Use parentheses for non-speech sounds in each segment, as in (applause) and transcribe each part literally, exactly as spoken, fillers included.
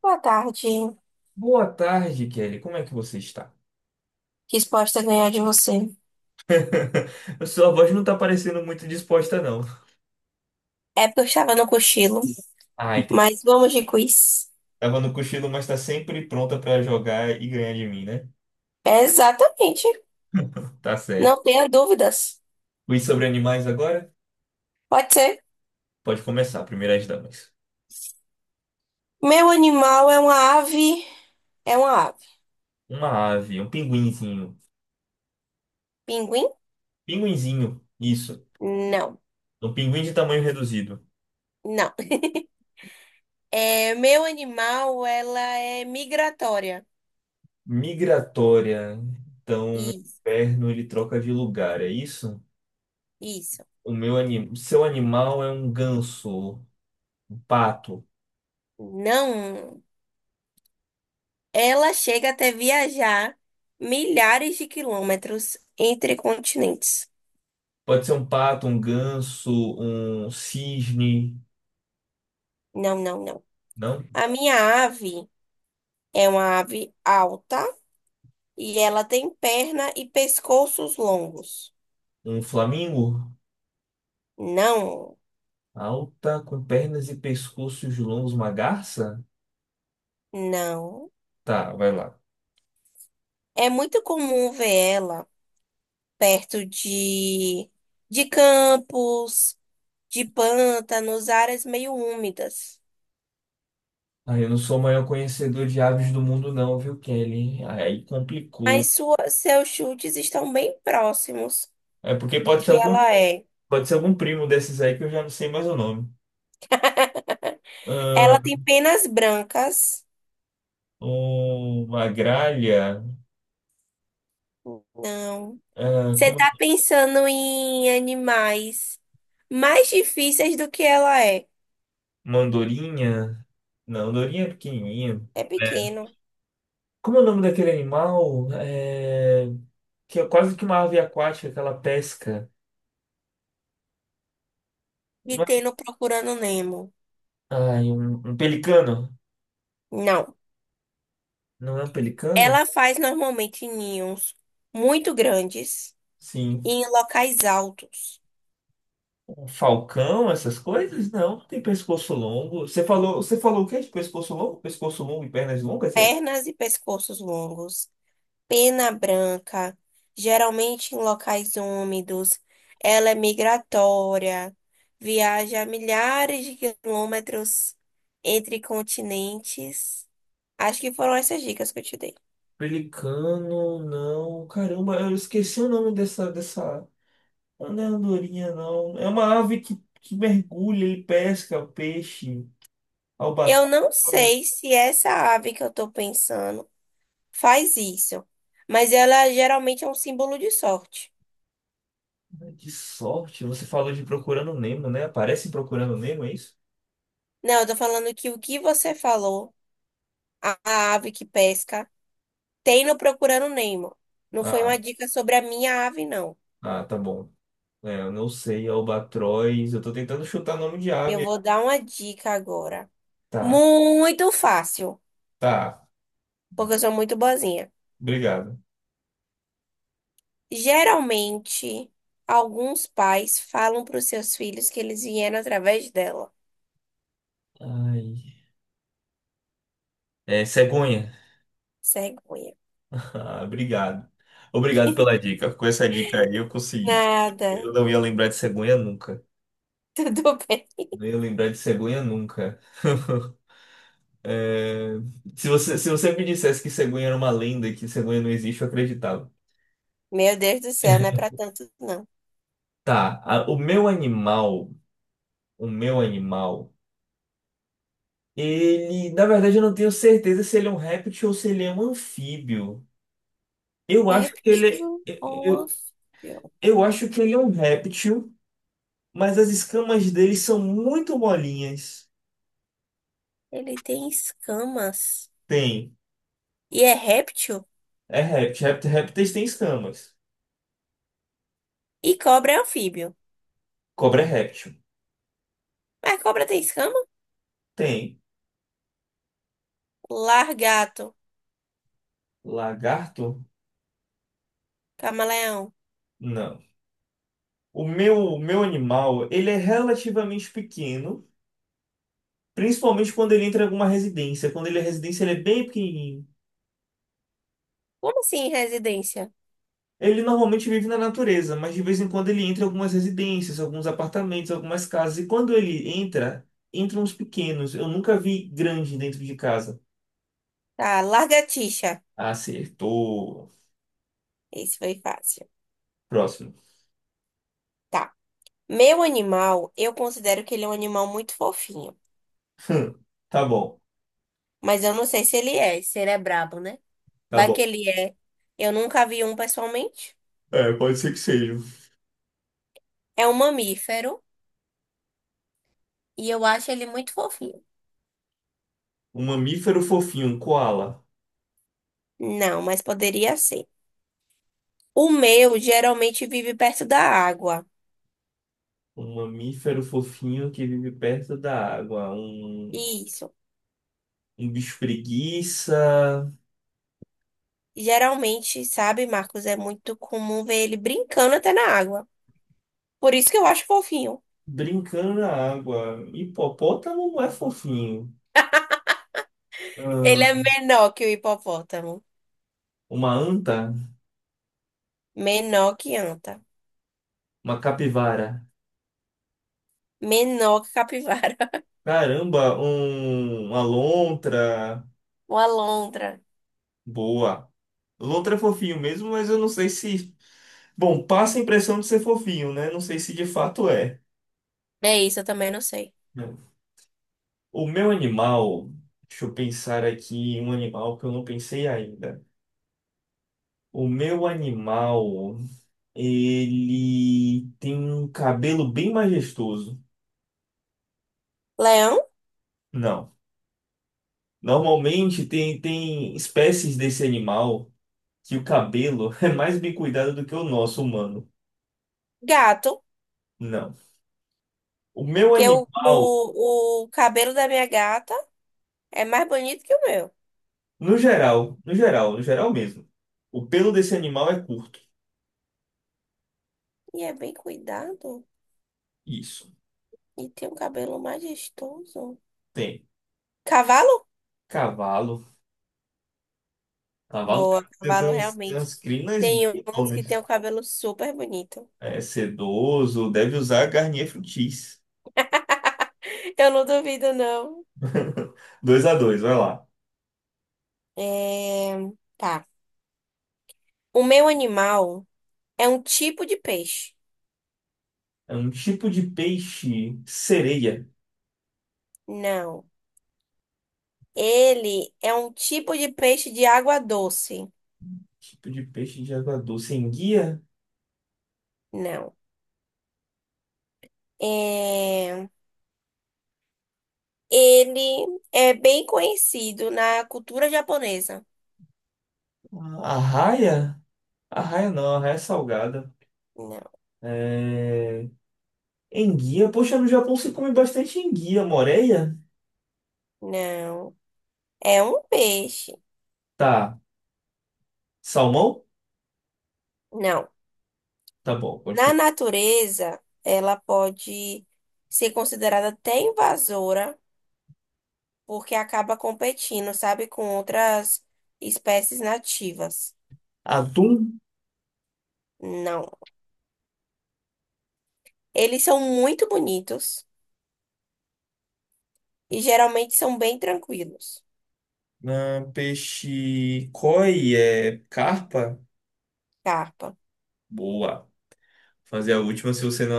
Boa tarde. Boa tarde, Kelly. Como é que você está? Quis a ganhar de você. (laughs) Sua voz não tá parecendo muito disposta, não. É porque eu estava no cochilo, Ah, entendi. mas vamos de quiz. Tava no cochilo, mas tá sempre pronta pra jogar e ganhar de mim, né? Exatamente. Tá certo. Não tenha dúvidas. Quiz sobre animais agora? Pode ser. Pode começar, primeiras damas. Meu animal é uma ave. É uma ave. Uma ave, um pinguinzinho. Pinguim? Pinguinzinho, isso. Não. Um pinguim de tamanho reduzido. Não. É, meu animal, ela é migratória. Migratória. Então, no Isso. inverno ele troca de lugar, é isso? Isso. O meu anim... Seu animal é um ganso, um pato. Não. Ela chega até viajar milhares de quilômetros entre continentes. Pode ser um pato, um ganso, um cisne, Não, não, não. não? A minha ave. É uma ave alta e ela tem perna e pescoços longos. Um flamingo? Não, Alta, com pernas e pescoços longos, uma garça? não. Tá, vai lá. É muito comum ver ela perto de, de campos, de pântanos, áreas meio úmidas. Ah, eu não sou o maior conhecedor de aves do mundo, não, viu, Kelly? Aí complicou. Mas sua, seus chutes estão bem próximos É porque do pode ser que algum, ela é. pode ser algum primo desses aí que eu já não sei mais o nome. (laughs) Ela Ah, tem penas brancas. uma gralha? Não. Ah, Você como? tá É? pensando em animais mais difíceis do que ela é. Uma andorinha? Não, andorinha é pequenininha. É pequeno. Como é o nome daquele animal? É... que é quase que uma ave aquática que ela pesca. E Uma- tem no Procurando Nemo. Ai, um, um pelicano. Não. Não é um pelicano? Ela faz normalmente ninhos muito grandes Sim. e em locais altos. Um falcão, essas coisas? Não, não tem pescoço longo. Você falou, você falou o quê de pescoço longo? Pescoço longo e pernas longas, é isso? Pernas e pescoços longos. Pena branca. Geralmente em locais úmidos. Ela é migratória. Viaja milhares de quilômetros entre continentes. Acho que foram essas dicas que eu te dei. Pelicano, não. Caramba, eu esqueci o nome dessa, dessa... Não é andorinha, não. É uma ave que, que mergulha, ele pesca peixe, Eu não albatroz. sei se essa ave que eu tô pensando faz isso, mas ela geralmente é um símbolo de sorte. Que sorte, você falou de Procurando Nemo, né? Aparece em Procurando Nemo, é isso? Não, eu tô falando que o que você falou, a a ave que pesca, tem no Procurando Nemo. Não foi Ah. uma dica sobre a minha ave, não. Ah, tá bom. É, eu não sei, albatroz. Eu tô tentando chutar nome de Eu ave. vou dar uma dica agora. Tá, Muito fácil, tá. porque eu sou muito boazinha. Obrigado. Geralmente, alguns pais falam para os seus filhos que eles vieram através dela. Ai. É cegonha. (laughs) Cegonha. Ah, obrigado. Obrigado pela dica. Com essa dica aí eu consegui. Nada. Eu não ia lembrar de cegonha nunca. (laughs) Tudo bem. Não ia lembrar de cegonha nunca. (laughs) É, se você, se você me dissesse que cegonha era uma lenda, e que cegonha não existe, eu acreditava. Meu Deus do céu, não é pra tanto, não. Tá, a- o meu animal, o meu animal. Ele, na verdade, eu não tenho certeza se ele é um réptil ou se ele é um anfíbio. Eu É acho que ele réptil é, ou eu, anfíbio? eu acho que ele é um réptil, mas as escamas dele são muito molinhas. Ele tem escamas. Tem. E é réptil? É réptil. Réptil- Répteis têm escamas. E cobra é anfíbio. Cobra é réptil. Mas cobra tem escama? Tem. Largato. Lagarto? Camaleão. Não. O meu, o meu animal, ele é relativamente pequeno, principalmente quando ele entra em alguma residência. Quando ele é residência, ele é bem pequenininho. Como assim, residência? Ele normalmente vive na natureza, mas de vez em quando ele entra em algumas residências, alguns apartamentos, algumas casas. E quando ele entra, entram uns pequenos. Eu nunca vi grande dentro de casa. Tá, lagartixa. Acertou. Esse foi fácil. Próximo. Tá. Meu animal, eu considero que ele é um animal muito fofinho. (laughs) Hum, tá bom, Mas eu não sei se ele é, se ele é brabo, né? tá Vai bom. que ele é. Eu nunca vi um pessoalmente. É, pode ser que seja. É um mamífero. E eu acho ele muito fofinho. Um mamífero fofinho, um koala. Não, mas poderia ser. O meu geralmente vive perto da água. Um mamífero fofinho que vive perto da água. Um, Isso. um bicho preguiça. Geralmente, sabe, Marcos, é muito comum ver ele brincando até na água. Por isso que eu acho fofinho. Brincando na água. Hipopótamo não é fofinho. Ele Ahn, é menor que o hipopótamo. uma anta. Menor que anta. Uma capivara. Menor que capivara. (laughs) Caramba, um- uma lontra. Uma alondra. Boa. Lontra é fofinho mesmo, mas eu não sei se. Bom, passa a impressão de ser fofinho, né? Não sei se de fato é. É isso, eu também não sei. O meu animal. Deixa eu pensar aqui em um animal que eu não pensei ainda. O meu animal. Ele tem um cabelo bem majestoso. Leão, Não. Normalmente tem, tem espécies desse animal que o cabelo (laughs) é mais bem cuidado do que o nosso humano. gato. Não. O meu Que o, o, animal, o cabelo da minha gata é mais bonito que o meu. no geral, no geral, no geral mesmo, o pelo desse animal é curto. E é bem cuidado. Isso. E tem um cabelo majestoso. Tem Cavalo? cavalo. Cavalo tem, Boa, tem, tem cavalo umas, tem realmente. umas crinas Tem uns que tem um bitonas. cabelo super bonito. É sedoso, deve usar Garnier Fructis. (laughs) Eu não duvido, não. (laughs) Dois a dois, vai lá. É... Tá. O meu animal é um tipo de peixe. É um tipo de peixe sereia. Não. Ele é um tipo de peixe de água doce. Tipo de peixe de água doce. Enguia? Não. É... Ele é bem conhecido na cultura japonesa. Arraia? Arraia não, arraia é salgada. Não. É... Enguia? Poxa, no Japão se come bastante enguia, moreia? Não. É um peixe. Tá. Salmão? Não. Tá bom, Na continua. natureza, ela pode ser considerada até invasora, porque acaba competindo, sabe, com outras espécies nativas. Atum, Não. Eles são muito bonitos e geralmente são bem tranquilos. ah, peixe koi, é carpa. Carpa. Boa. Fazer a última se você não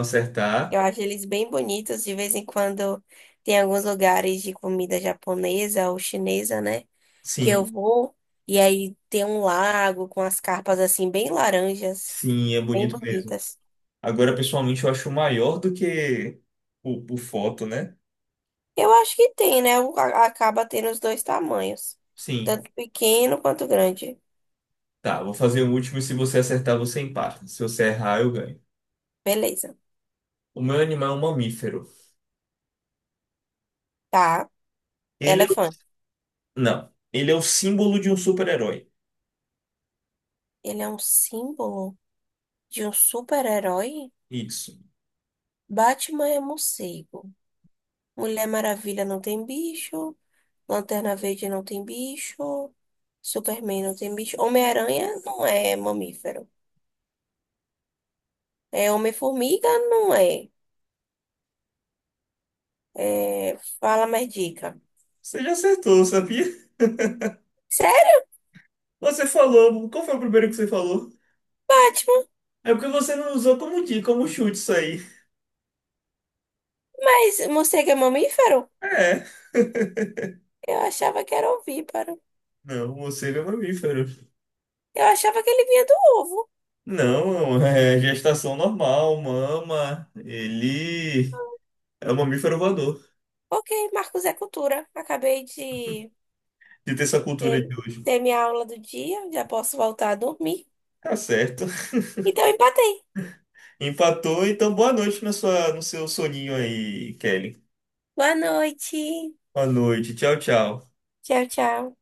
Eu acertar. acho eles bem bonitos. De vez em quando tem alguns lugares de comida japonesa ou chinesa, né? Que eu Sim, vou. E aí tem um lago com as carpas assim, bem laranjas, sim, é bem bonito mesmo. bonitas. Agora, pessoalmente, eu acho maior do que o, o foto, né? Eu acho que tem, né? O- a- Acaba tendo os dois tamanhos, Sim. tanto pequeno quanto grande. Tá, vou fazer o último e se você acertar, você empata. Se você errar, eu ganho. Beleza. O meu animal é um mamífero. Tá. Ele é... o- Elefante. Não. Ele é o símbolo de um super-herói. Ele é um símbolo de um super-herói? Isso. Batman é morcego. Mulher Maravilha não tem bicho. Lanterna Verde não tem bicho. Superman não tem bicho. Homem-Aranha não é mamífero. É Homem-Formiga não é. É, fala mais dica. Você já acertou, sabia? Sério, Você falou. Qual foi o primeiro que você falou? Batman? É porque você não usou como dica, como chute isso aí. Mas morcego é mamífero? É. Eu achava que era ovíparo. Não, morcego é mamífero. Eu achava que ele vinha do ovo. Não, é gestação normal, mama. Ele é um mamífero voador. Ok, Marcos é cultura. Acabei de De ter essa cultura eh, de hoje. ter minha aula do dia, já posso voltar a dormir. Tá certo. Então, empatei. Empatou, então boa noite na sua, no seu soninho aí, Kelly. Boa noite. Boa noite. Tchau, tchau. Tchau, tchau.